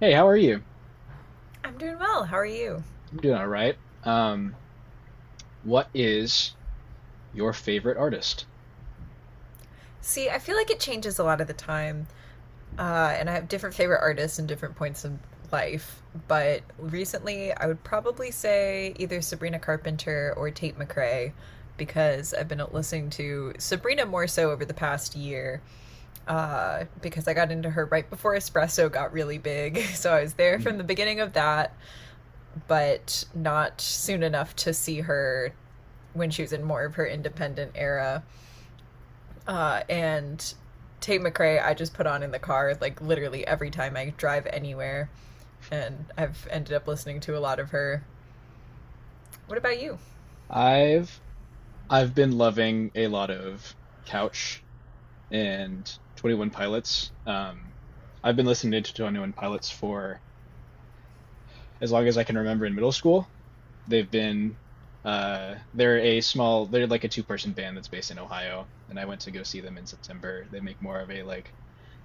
Hey, how are you? I'm doing well. How are you? I'm doing all right. Um, what is your favorite artist? See, I feel like it changes a lot of the time, and I have different favorite artists and different points in life. But recently, I would probably say either Sabrina Carpenter or Tate McRae, because I've been listening to Sabrina more so over the past year, because I got into her right before Espresso got really big. So I was there from Mhm. the beginning of that, but not soon enough to see her when she was in more of her independent era. And Tate McRae I just put on in the car like literally every time I drive anywhere, and I've ended up listening to a lot of her. What about you? I've I've been loving a lot of Couch and 21 Pilots. I've been listening to 21 Pilots for as long as I can remember in middle school. They've been they're like a two-person band that's based in Ohio, and I went to go see them in September. They make more of a like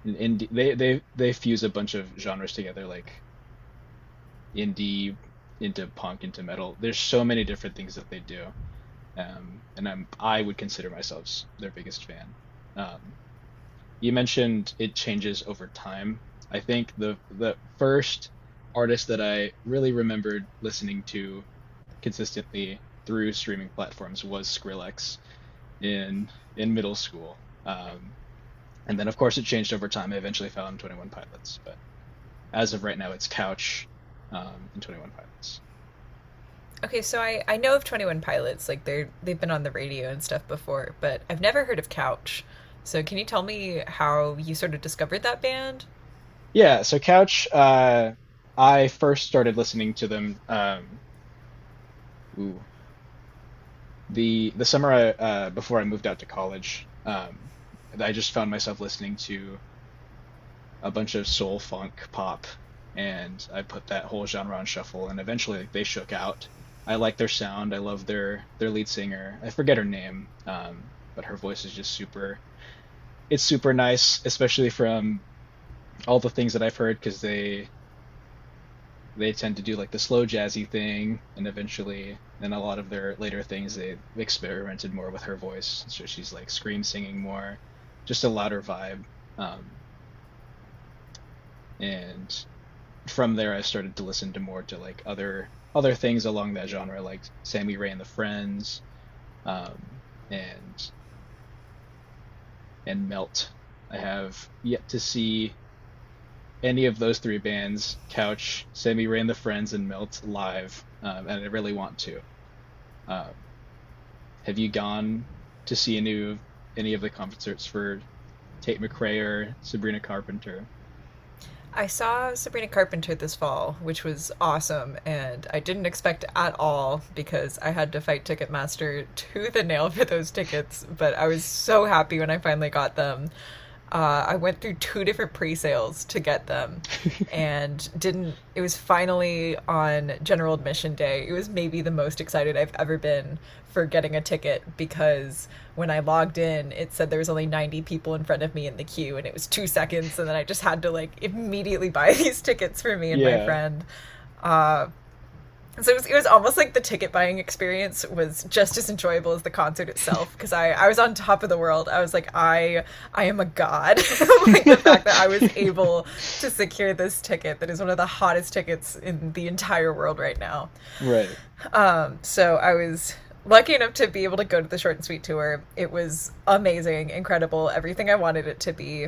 an indie they fuse a bunch of genres together, like indie into punk into metal. There's so many different things that they do, and I would consider myself their biggest fan. Um, you mentioned it changes over time. I think the first artist that I really remembered listening to consistently through streaming platforms was Skrillex in in middle school. And then of course it changed over time. I eventually found 21 Pilots, but as of right now it's Couch in 21 Pilots. Okay, so I know of Twenty One Pilots, like they've been on the radio and stuff before, but I've never heard of Couch. So can you tell me how you sort of discovered that band? Yeah, so Couch, I first started listening to them, ooh, the summer before I moved out to college. I just found myself listening to a bunch of soul funk pop, and I put that whole genre on shuffle. And eventually, like, they shook out. I like their sound. I love their lead singer. I forget her name, but her voice is just super. It's super nice, especially from all the things that I've heard, because they tend to do like the slow jazzy thing, and eventually in a lot of their later things they experimented more with her voice, so she's like scream singing more, just a louder vibe, um and from there I started to listen to more to like other things along that genre, like Sammy Ray and the Friends, um and and Melt. I have yet to see any of those three bands, Couch, Sammy Ray and the Friends, and Melt, live, and I really want to. um Have you gone to see any of the concerts for Tate McRae or Sabrina Carpenter? I saw Sabrina Carpenter this fall, which was awesome, and I didn't expect at all because I had to fight Ticketmaster to the nail for those tickets, but I was so happy when I finally got them. I went through two different pre sales to get them, and didn't, it was finally on general admission day. It was maybe the most excited I've ever been for getting a ticket, because when I logged in it said there was only 90 people in front of me in the queue, and it was 2 seconds, and then I just had to like immediately buy these tickets for me and my Yeah. friend. So it was almost like the ticket buying experience was just as enjoyable as the concert itself, because I was on top of the world. I was like, I am a god. Like the fact that I was able to secure this ticket that is one of the hottest tickets in the entire world right now. Right. So I was lucky enough to be able to go to the short and sweet tour. It was amazing, incredible, everything I wanted it to be.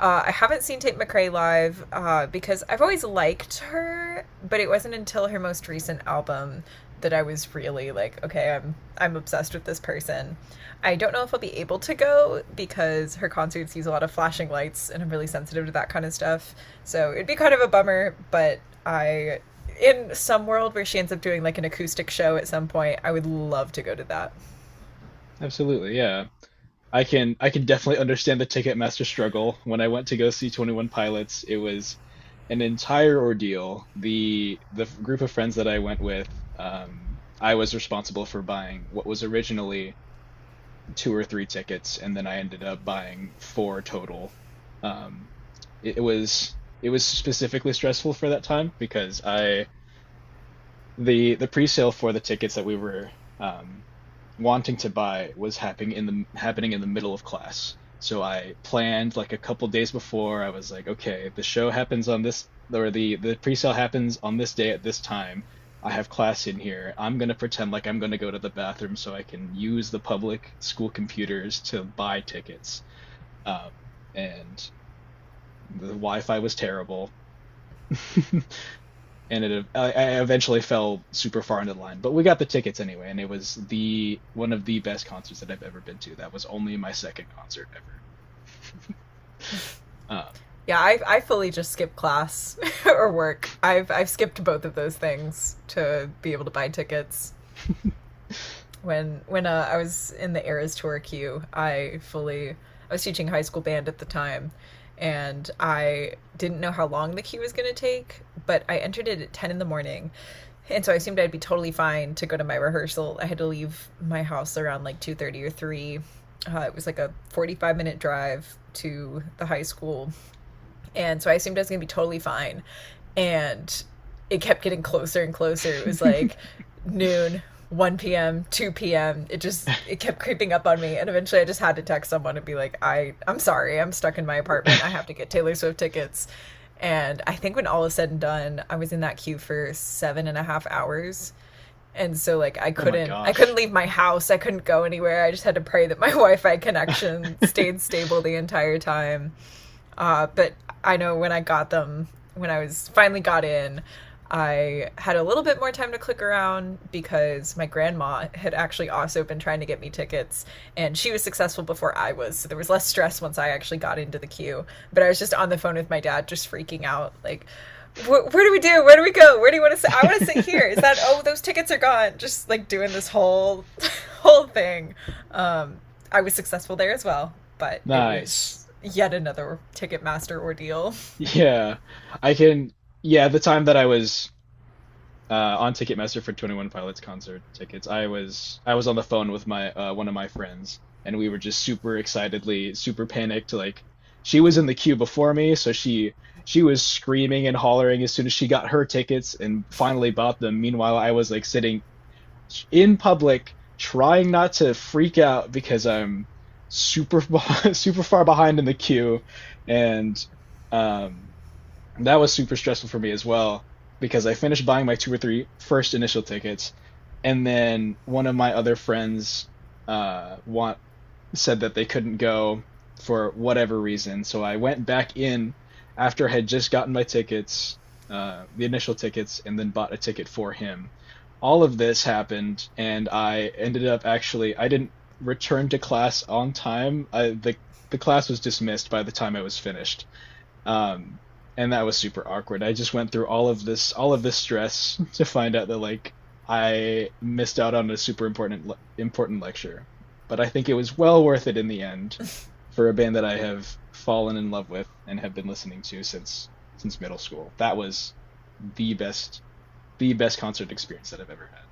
I haven't seen Tate McRae live because I've always liked her, but it wasn't until her most recent album that I was really like, okay, I'm obsessed with this person. I don't know if I'll be able to go because her concerts use a lot of flashing lights, and I'm really sensitive to that kind of stuff. So it'd be kind of a bummer, but I, in some world where she ends up doing like an acoustic show at some point, I would love to go to that. Absolutely, yeah. I can definitely understand the Ticketmaster struggle. When I went to go see 21 Pilots, it was an entire ordeal. The group of friends that I went with, I was responsible for buying what was originally two or three tickets, and then I ended up buying four total. Um, it, it was specifically stressful for that time, because I the pre-sale for the tickets that we were, um, wanting to buy was happening in the middle of class. So I planned like a couple days before. I was like, okay, the show happens on this, or the pre-sale happens on this day at this time. I have class in here. I'm gonna pretend like I'm gonna go to the bathroom so I can use the public school computers to buy tickets. Um, and the Wi-Fi was terrible. And I eventually fell super far into the line. But we got the tickets anyway, and it was the one of the best concerts that I've ever been to. That was only my second concert ever. Yeah, I fully just skip class or work. I've skipped both of those things to be able to buy tickets. When I was in the Eras tour queue, I fully I was teaching high school band at the time, and I didn't know how long the queue was going to take, but I entered it at 10 in the morning. And so I assumed I'd be totally fine to go to my rehearsal. I had to leave my house around like 2:30 or three. It was like a 45 minute drive to the high school, and so I assumed I was going to be totally fine. And it kept getting closer and closer. It was like noon, 1 p.m., 2 p.m. It just it kept creeping up on me, and eventually I just had to text someone and be like, "I I'm sorry. I'm stuck in my apartment. I have to get Taylor Swift tickets." And I think when all is said and done, I was in that queue for seven and a half hours. And so like I Oh my couldn't I couldn't gosh. leave my house. I couldn't go anywhere. I just had to pray that my Wi-Fi connection stayed stable the entire time. But I know when I got them, when I was finally got in, I had a little bit more time to click around because my grandma had actually also been trying to get me tickets, and she was successful before I was. So there was less stress once I actually got into the queue. But I was just on the phone with my dad, just freaking out like, where do we do? Where do we go? Where do you want to sit? I want to sit here. Is that, oh, those tickets are gone. Just like doing this whole, whole thing. I was successful there as well, but it Nice. was yet another Ticketmaster ordeal. Yeah. I can, yeah, the time that I was on Ticketmaster for 21 Pilots concert tickets, I was on the phone with my one of my friends, and we were just super excitedly, super panicked. Like, she was in the queue before me, so she was screaming and hollering as soon as she got her tickets and finally bought them. Meanwhile, I was like sitting in public, trying not to freak out because I'm super super far behind in the queue, and um that was super stressful for me as well, because I finished buying my two or three first initial tickets, and then one of my other friends want said that they couldn't go for whatever reason. So I went back in after I had just gotten my tickets, the initial tickets, and then bought a ticket for him. All of this happened, and I ended up actually I didn't return to class on time. I the class was dismissed by the time I was finished. Um, and that was super awkward. I just went through all of this stress to find out that like I missed out on a super important important lecture. But I think it was well worth it in the end, for a band that I have fallen in love with and have been listening to since middle school. That was the best the best concert experience that I've ever had.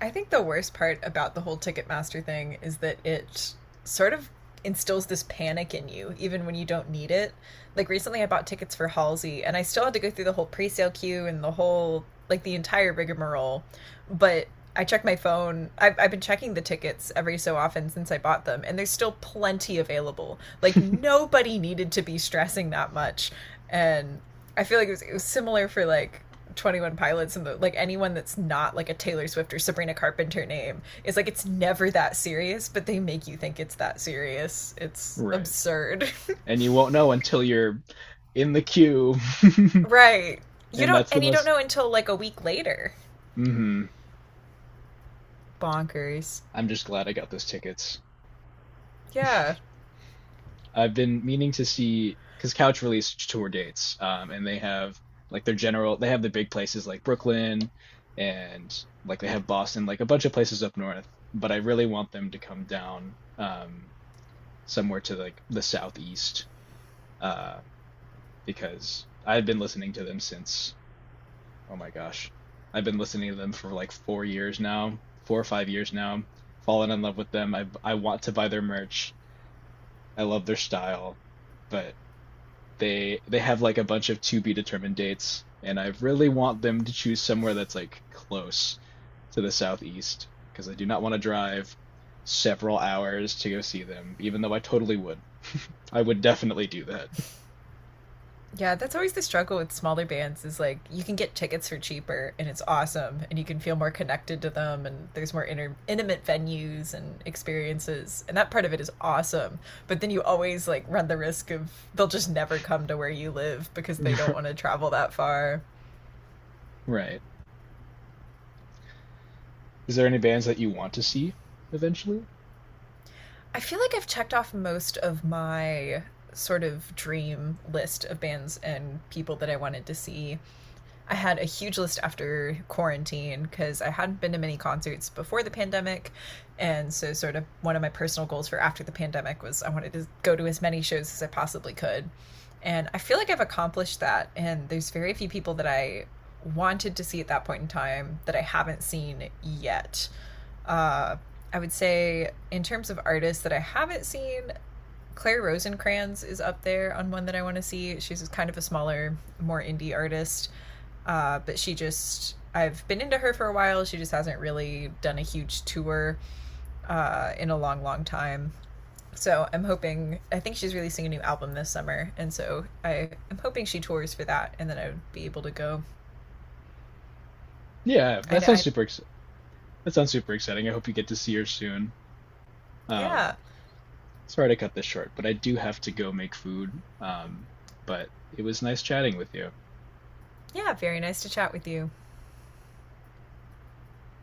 I think the worst part about the whole Ticketmaster thing is that it sort of instills this panic in you, even when you don't need it. Like recently, I bought tickets for Halsey, and I still had to go through the whole pre sale queue and the whole, like, the entire rigmarole. But I check my phone. I've been checking the tickets every so often since I bought them, and there's still plenty available. Like nobody needed to be stressing that much, and I feel like it was similar for like Twenty One Pilots and the, like anyone that's not like a Taylor Swift or Sabrina Carpenter name. It's like it's never that serious, but they make you think it's that serious. It's Right. absurd, And you won't know until you're in the queue. right? You And don't, that's the and you don't most know until like a week later. hmm Bonkers. I'm just glad I got those tickets. Yeah. I've been meaning to see, because Couch released tour dates, and they have like their general, they have the big places like Brooklyn and like they have Boston, like a bunch of places up north. But I really want them to come down somewhere to like the southeast, uh, because I've been listening to them since, oh my gosh, I've been listening to them for like 4 years now, 4 or 5 years now. Fallen in love with them. I want to buy their merch. I love their style, but they have like a bunch of to be determined dates, and I really want them to choose somewhere that's like close to the southeast, because I do not want to drive several hours to go see them, even though I totally would. I would definitely do that. Yeah, that's always the struggle with smaller bands is like you can get tickets for cheaper and it's awesome and you can feel more connected to them and there's more intimate venues and experiences, and that part of it is awesome. But then you always like run the risk of they'll just never come to where you live because they don't want to travel that far. Right. Is there any bands that you want to see eventually? I feel like I've checked off most of my sort of dream list of bands and people that I wanted to see. I had a huge list after quarantine because I hadn't been to many concerts before the pandemic. And so, sort of, one of my personal goals for after the pandemic was I wanted to go to as many shows as I possibly could. And I feel like I've accomplished that. And there's very few people that I wanted to see at that point in time that I haven't seen yet. Uh, I would say, in terms of artists that I haven't seen, Claire Rosencrantz is up there on one that I want to see. She's kind of a smaller, more indie artist, but she just I've been into her for a while. She just hasn't really done a huge tour in a long, long time. So I'm hoping. I think she's releasing a new album this summer, and so I am hoping she tours for that, and then I would be able to go. Yeah, I that know. sounds I super ex that sounds super exciting. I hope you get to see her soon. yeah, Um, Sorry to cut this short, but I do have to go make food. But it was nice chatting with you. yeah. Very nice to chat with you.